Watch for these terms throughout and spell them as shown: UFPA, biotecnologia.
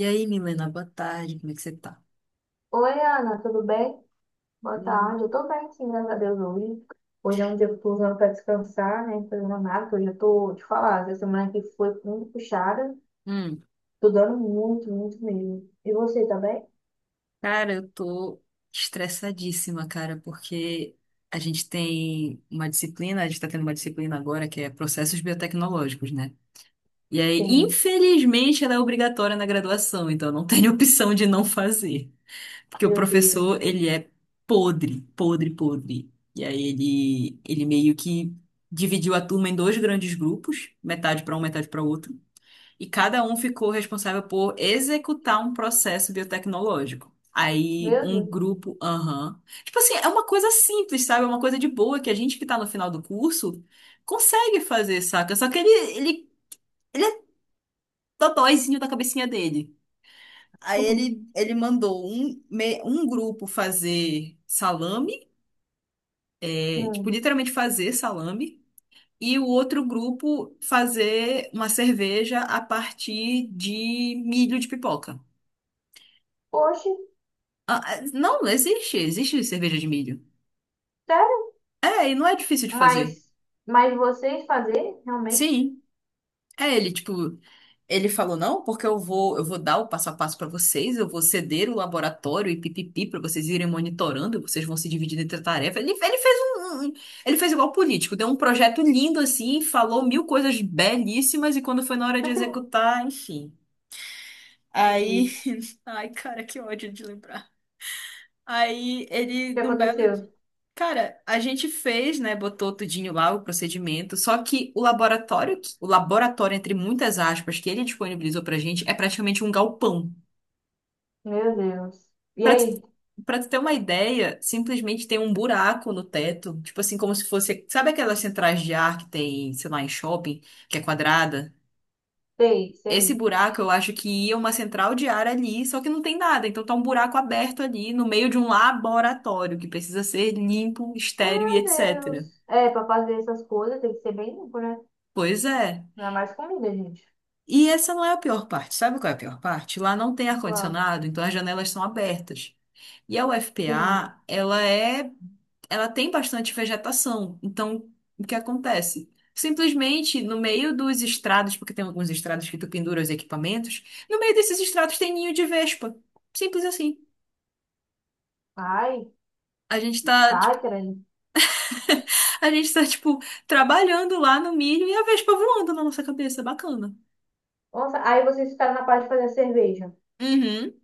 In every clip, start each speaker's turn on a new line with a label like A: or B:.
A: E aí, Milena, boa tarde, como é que você tá?
B: Oi, Ana, tudo bem? Boa
A: Hum,
B: tarde. Eu tô bem, sim, graças a Deus hoje. Hoje é um dia que eu tô usando pra descansar, né? Não tô Fazendo nada, que hoje eu tô, te falar, essa semana que foi muito puxada.
A: hum.
B: Tô dando muito, muito mesmo. E você tá bem?
A: Cara, eu tô estressadíssima, cara, porque a gente tá tendo uma disciplina agora que é processos biotecnológicos, né? E aí,
B: Sim.
A: infelizmente, ela é obrigatória na graduação, então não tem opção de não fazer. Porque o
B: Meu
A: professor,
B: Deus.
A: ele é podre, podre, podre. E aí ele meio que dividiu a turma em dois grandes grupos, metade para um, metade para outro. E cada um ficou responsável por executar um processo biotecnológico.
B: Meu
A: Aí um
B: Deus.
A: grupo, aham. Tipo assim, é uma coisa simples, sabe? É uma coisa de boa que a gente que tá no final do curso consegue fazer, saca? Só que ele, ele é dodóizinho da cabecinha dele. Aí ele, ele mandou um grupo fazer salame, é, tipo,
B: Hum.
A: literalmente fazer salame, e o outro grupo fazer uma cerveja a partir de milho de pipoca.
B: Poxa,
A: Ah, ah, não, existe cerveja de milho.
B: sério?
A: É, e não é difícil de fazer.
B: Mas, mas vocês fazer, realmente?
A: Sim, é ele, tipo, ele falou não, porque eu vou dar o passo a passo pra vocês, eu vou ceder o laboratório e pipipi pra vocês irem monitorando, vocês vão se dividindo entre a tarefa. Ele fez ele fez igual político, deu um projeto lindo assim, falou mil coisas belíssimas e quando foi na hora de executar, enfim.
B: Meu
A: Aí,
B: Deus.
A: ai, cara, que ódio de lembrar. Aí
B: O que
A: num belo...
B: aconteceu?
A: Cara, a gente fez, né? Botou tudinho lá o procedimento, só que o laboratório, entre muitas aspas, que ele disponibilizou pra gente, é praticamente um galpão.
B: Meu Deus. E
A: Pra tu,
B: aí?
A: pra tu ter uma ideia, simplesmente tem um buraco no teto, tipo assim, como se fosse. Sabe aquelas centrais de ar que tem, sei lá, em shopping, que é quadrada?
B: Sei,
A: Esse
B: sei.
A: buraco, eu acho que ia uma central de ar ali, só que não tem nada. Então tá um buraco aberto ali no meio de um laboratório que precisa ser limpo, estéril e
B: Meu
A: etc.
B: Deus. É, pra fazer essas coisas tem que ser bem limpo, né?
A: Pois é.
B: Não é mais comida, gente.
A: E essa não é a pior parte. Sabe qual é a pior parte? Lá não tem
B: Claro.
A: ar-condicionado, então as janelas são abertas. E a
B: Sim.
A: UFPA, ela tem bastante vegetação. Então, o que acontece? Simplesmente no meio dos estrados, porque tem alguns estrados que tu pendura os equipamentos, no meio desses estrados tem ninho de vespa. Simples assim.
B: Ai,
A: A gente tá, tipo,
B: ai, credo.
A: a gente tá, tipo, trabalhando lá no milho e a vespa voando na nossa cabeça. Bacana.
B: Nossa, aí vocês ficaram na parte de fazer a cerveja.
A: Uhum.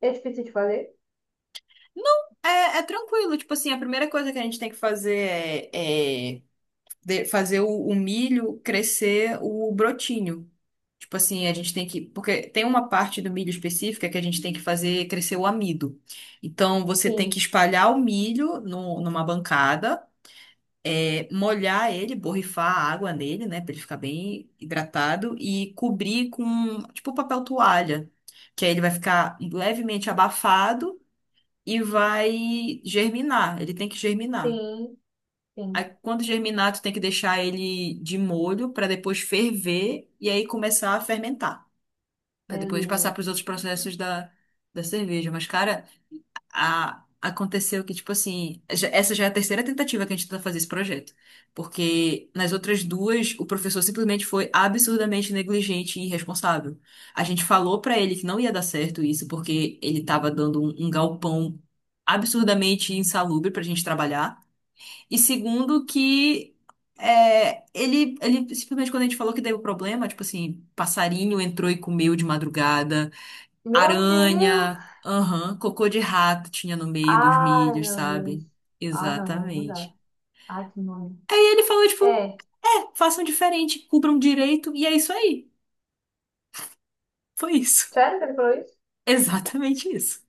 B: É difícil de fazer?
A: Não, é tranquilo. Tipo assim, a primeira coisa que a gente tem que fazer é, é fazer o milho crescer o brotinho. Tipo assim, a gente tem que... Porque tem uma parte do milho específica que a gente tem que fazer crescer o amido. Então, você tem que
B: Sim,
A: espalhar o milho no- numa bancada, é, molhar ele, borrifar a água nele, né, pra ele ficar bem hidratado, e cobrir com, tipo, papel toalha. Que aí ele vai ficar levemente abafado e vai germinar. Ele tem que germinar.
B: sim,
A: Aí,
B: sim.
A: quando germinar, tu tem que deixar ele de molho para depois ferver e aí começar a fermentar, para
B: Meu
A: depois passar para os
B: Deus.
A: outros processos da cerveja. Mas, cara, aconteceu que, tipo assim, essa já é a terceira tentativa que a gente tenta fazer esse projeto. Porque nas outras duas, o professor simplesmente foi absurdamente negligente e irresponsável. A gente falou pra ele que não ia dar certo isso, porque ele tava dando um galpão absurdamente insalubre pra gente trabalhar. E segundo, que... é, ele simplesmente quando a gente falou que deu problema, tipo assim, passarinho entrou e comeu de madrugada.
B: Meu Deus.
A: Aranha, aham, cocô de rato tinha no meio dos
B: Ai,
A: milhos,
B: meu Deus.
A: sabe?
B: Ah, não, não, não dá.
A: Exatamente.
B: Ai, que nome.
A: E ele falou, tipo,
B: É.
A: é, façam diferente, cubram direito, e é isso aí. Foi isso.
B: Sério que ele falou isso?
A: Exatamente isso.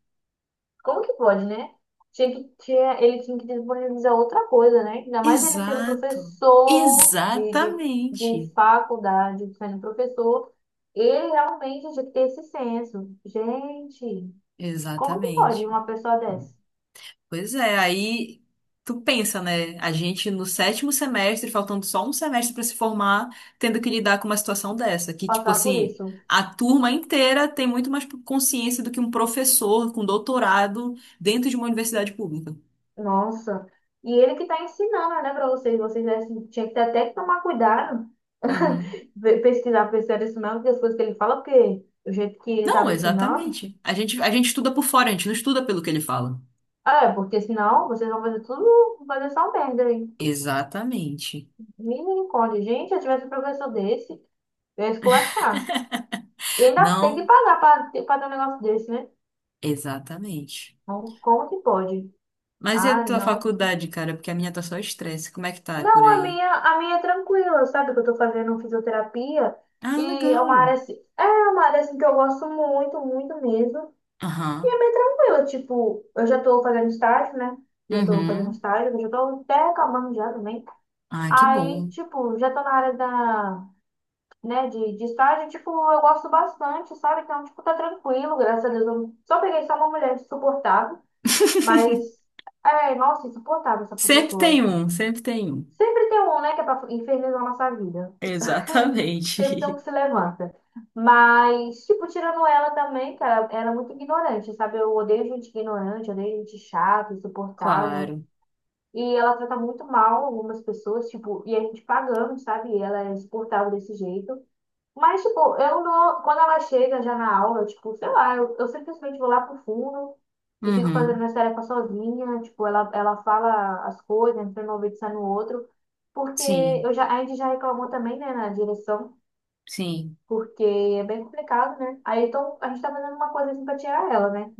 B: Como que pode, né? Ele tinha que disponibilizar outra coisa, né? Ainda mais ele sendo
A: Exato.
B: professor de, de,
A: Exatamente.
B: de faculdade, sendo professor, ele realmente tinha que ter esse senso. Gente, como que pode
A: Exatamente.
B: uma pessoa dessa
A: Pois é, aí tu pensa, né? A gente no sétimo semestre, faltando só um semestre pra se formar, tendo que lidar com uma situação dessa, que tipo
B: passar por
A: assim,
B: isso?
A: a turma inteira tem muito mais consciência do que um professor com doutorado dentro de uma universidade pública.
B: Nossa. E ele que tá ensinando, né, pra vocês. Vocês assim, tinha que ter até que tomar cuidado,
A: Uhum.
B: pesquisar, pesquisar isso mesmo, que as coisas que ele fala, porque o jeito que ele
A: Não,
B: tava ensinando.
A: exatamente. A gente estuda por fora, a gente não estuda pelo que ele fala.
B: É, porque senão vocês vão fazer tudo, fazer só merda aí.
A: Exatamente.
B: Misericórdia. Gente, se eu tivesse um professor desse, eu ia esculachar. E ainda tem que
A: Não,
B: pagar pra, pra ter um negócio desse, né?
A: exatamente.
B: Então, Como que pode?
A: Mas e a
B: Ah,
A: tua
B: não.
A: faculdade, cara? Porque a minha tá só estresse. Como é que tá por
B: Não, a
A: aí?
B: minha, a minha é tranquila, sabe? Que eu tô fazendo fisioterapia
A: Ah,
B: e é uma
A: legal.
B: área assim, é uma área assim que eu gosto muito, muito mesmo. E
A: Aham.
B: é bem tranquila, tipo, eu já tô fazendo estágio, né? Já tô fazendo
A: Uhum.
B: estágio, eu já tô até acabando já também.
A: Ah, que
B: Aí,
A: bom.
B: tipo, já tô na área da né, de estágio, tipo, eu gosto bastante, sabe? Então, tipo, tá tranquilo, graças a Deus. Eu só peguei só uma mulher insuportável, mas, é, nossa, insuportável essa
A: Sempre
B: professora.
A: tem um, sempre tem um.
B: Sempre tem um, né, que é pra infernizar a nossa vida. Sempre tem um
A: Exatamente.
B: que se levanta. Mas, tipo, tirando ela também, cara, ela é muito ignorante, sabe? Eu odeio gente ignorante, odeio gente chata, insuportável.
A: Claro.
B: E ela trata muito mal algumas pessoas, tipo, e a gente pagando, sabe? E ela é insuportável desse jeito. Mas, tipo, eu não. Quando ela chega já na aula, tipo, sei lá, eu simplesmente vou lá pro fundo e fico fazendo
A: Uhum.
B: minhas tarefas sozinha. Tipo, ela fala as coisas, entra no ouvido e sai no outro. Porque
A: Sim,
B: eu já, a gente já reclamou também, né, na direção,
A: sim,
B: porque é bem complicado, né? Aí então a gente tá fazendo uma coisa assim pra tirar ela, né?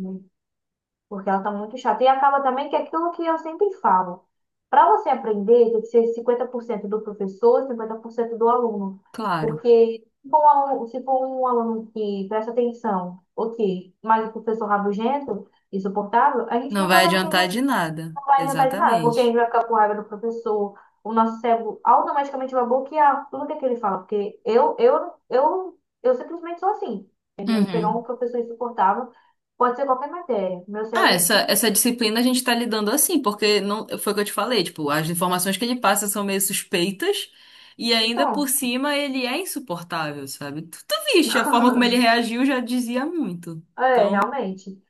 B: Porque ela tá muito chata. E acaba também que é aquilo que eu sempre falo. Para você aprender, tem que ser 50% do professor, e 50% do aluno.
A: claro.
B: Porque se for um aluno, se for um aluno que presta atenção, ok, mas o professor rabugento, insuportável, a gente
A: Não
B: nunca
A: vai
B: vai
A: adiantar
B: entender
A: de nada.
B: não vai adiantar de nada, porque a gente
A: Exatamente.
B: vai ficar com raiva do professor, o nosso cérebro automaticamente vai bloquear tudo que ele fala, porque eu simplesmente sou assim, entendeu? Se pegar um
A: Uhum.
B: professor insuportável, pode ser qualquer matéria, meu
A: Ah,
B: cérebro simplesmente...
A: essa disciplina a gente tá lidando assim, porque não, foi o que eu te falei, tipo, as informações que ele passa são meio suspeitas e ainda por
B: Então,
A: cima ele é insuportável, sabe? Tu viste, a forma como ele reagiu já dizia muito.
B: é,
A: Então,
B: realmente.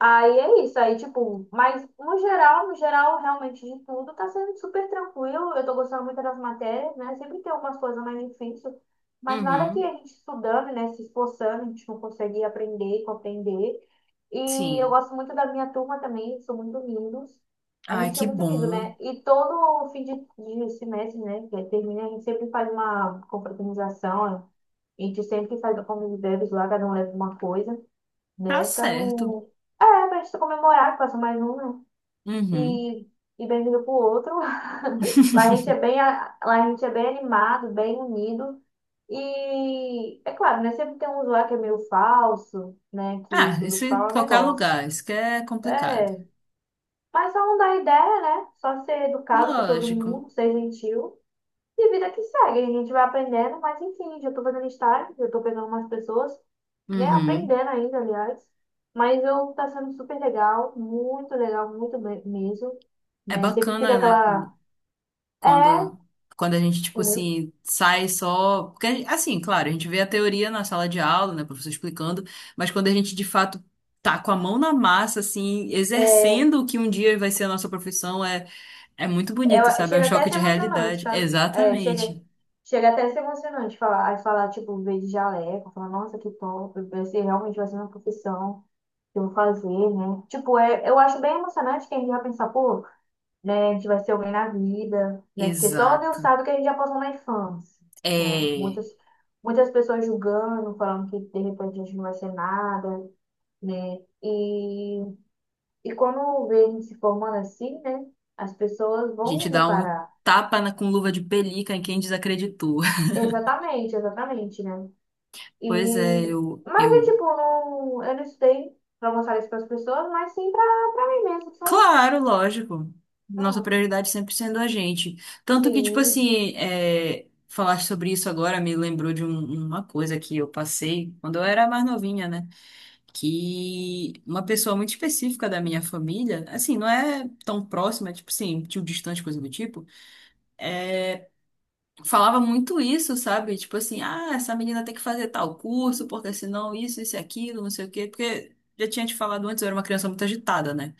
B: Aí é isso, aí tipo, mas no geral, no geral, realmente de tudo, tá sendo super tranquilo. Eu tô gostando muito das matérias, né? Sempre tem algumas coisas mais difíceis, mas nada que
A: uhum.
B: a gente estudando, né, se esforçando, a gente não consegue aprender, compreender. E eu
A: Sim.
B: gosto muito da minha turma também, são muito lindos. A
A: Ai,
B: gente é
A: que
B: muito lindo,
A: bom.
B: né? E todo fim de semestre, né, que termina, a gente sempre faz uma confraternização, a gente sempre faz uma common lá, cada um leva uma coisa
A: Tá
B: né? Pra
A: certo.
B: não. É, pra gente comemorar que passou mais um, né?
A: Uhum.
B: E, e bem-vindo pro outro. Lá a gente é bem, lá a gente é bem animado, bem unido. E é claro, né? Sempre tem um lá que é meio falso, né? Que,
A: Ah,
B: que eu vou
A: isso
B: te
A: em
B: falar um
A: qualquer
B: negócio.
A: lugar, isso que é complicado.
B: É, mas só não dá ideia, né? Só ser educado com todo
A: Lógico.
B: mundo, ser gentil. E vida que segue, a gente vai aprendendo, mas enfim, já tô fazendo estágio, já tô pegando umas pessoas né,
A: Uhum.
B: aprendendo ainda, aliás. Mas eu tá sendo super legal, muito bem mesmo,
A: É
B: né? Sempre fica
A: bacana, né?
B: aquela é,
A: Quando, quando a gente, tipo
B: entendeu?
A: assim, sai só. Porque, assim, claro, a gente vê a teoria na sala de aula, né? O professor explicando, mas quando a gente de fato tá com a mão na massa, assim,
B: é,
A: exercendo o que um dia vai ser a nossa profissão, é muito bonito, sabe? É um
B: chega até a
A: choque
B: ser
A: de
B: emocionante,
A: realidade.
B: sabe? É, chega
A: Exatamente.
B: até a ser emocionante falar, aí falar tipo, ver de jaleco, falar, nossa, que top, vai ser realmente vai ser uma profissão. Que eu vou fazer, né? Tipo, é, eu acho bem emocionante que a gente vai pensar, pô, né, a gente vai ser alguém na vida, né? Porque só Deus
A: Exato.
B: sabe o que a gente já passou na infância, né?
A: É.
B: Muitas, muitas pessoas julgando, falando que de repente a gente não vai ser nada, né? E quando vê a gente se formando assim, né? As pessoas
A: A gente
B: vão
A: dá um
B: reparar.
A: com luva de pelica em quem desacreditou.
B: Exatamente, exatamente, né?
A: Pois é,
B: E,
A: eu,
B: mas é
A: eu.
B: tipo, não, eu não estudei pra mostrar isso para as pessoas, mas sim pra, pra mim mesmo, sabe?
A: Claro, lógico. Nossa
B: Ah,
A: prioridade sempre sendo a gente. Tanto que, tipo
B: Sim,
A: assim, é, falar sobre isso agora me lembrou de uma coisa que eu passei quando eu era mais novinha, né? Que uma pessoa muito específica da minha família, assim, não é tão próxima, tipo assim, tio distante, coisa do tipo é, falava muito isso, sabe? Tipo assim, ah, essa menina tem que fazer tal curso, porque senão isso, isso e aquilo, não sei o quê, porque já tinha te falado antes, eu era uma criança muito agitada, né?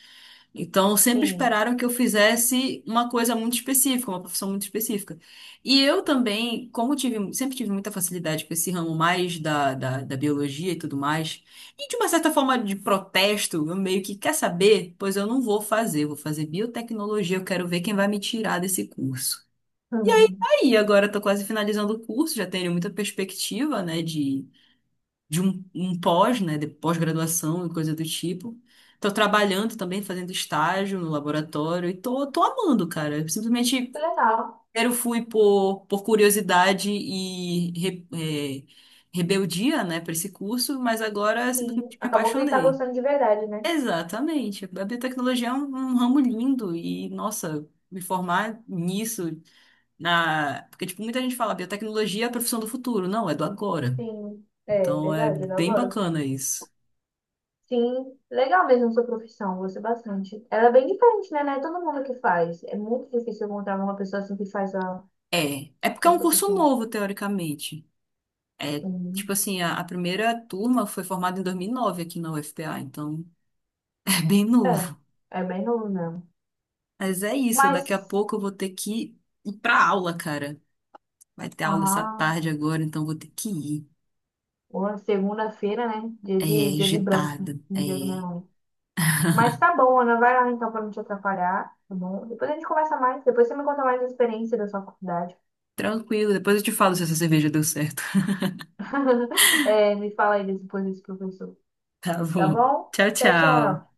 A: Então sempre
B: sim.
A: esperaram que eu fizesse uma coisa muito específica, uma profissão muito específica. E eu também, sempre tive muita facilidade com esse ramo mais da biologia e tudo mais, e de uma certa forma de protesto, eu meio que quer saber, pois eu não vou fazer, eu vou fazer biotecnologia, eu quero ver quem vai me tirar desse curso.
B: Uhum.
A: E agora estou quase finalizando o curso, já tenho muita perspectiva, né, de um pós, né, de pós-graduação e coisa do tipo. Estou trabalhando também, fazendo estágio no laboratório e tô amando, cara. Eu simplesmente
B: Que legal.
A: primeiro fui por curiosidade e rebeldia, né, para esse curso, mas agora
B: Sim.
A: simplesmente me
B: Acabou que ele tá
A: apaixonei.
B: gostando de verdade, né?
A: Exatamente. A biotecnologia é um ramo lindo e, nossa, me formar nisso na... Porque, tipo, muita gente fala, biotecnologia é a profissão do futuro. Não, é do agora.
B: Sim. É,
A: Então, é
B: verdade, ele
A: bem
B: agora.
A: bacana isso.
B: Sim, legal mesmo sua profissão, gostei bastante. Ela é bem diferente, né? Não é todo mundo que faz. É muito difícil encontrar uma pessoa assim que faz a
A: É, é porque é
B: sua
A: um curso
B: profissão.
A: novo, teoricamente. É, tipo
B: Sim.
A: assim, a primeira turma foi formada em 2009 aqui na UFPA, então é bem
B: É,
A: novo.
B: é bem novo mesmo.
A: Mas é isso, daqui a
B: Mas,
A: pouco eu vou ter que ir pra aula, cara. Vai ter aula essa
B: ah,
A: tarde agora, então vou ter que ir.
B: boa, segunda-feira, né?
A: É,
B: Dia de branco, né?
A: agitada.
B: Dia de
A: É,
B: branco. Mas tá bom, Ana, vai lá então pra não te atrapalhar, tá bom? Depois a gente conversa mais, depois você me conta mais a experiência da sua faculdade.
A: tranquilo, depois eu te falo se essa cerveja deu certo.
B: É, me fala aí depois desse professor,
A: Tá
B: tá
A: bom.
B: bom?
A: Tchau,
B: Tchau,
A: tchau.
B: tchau.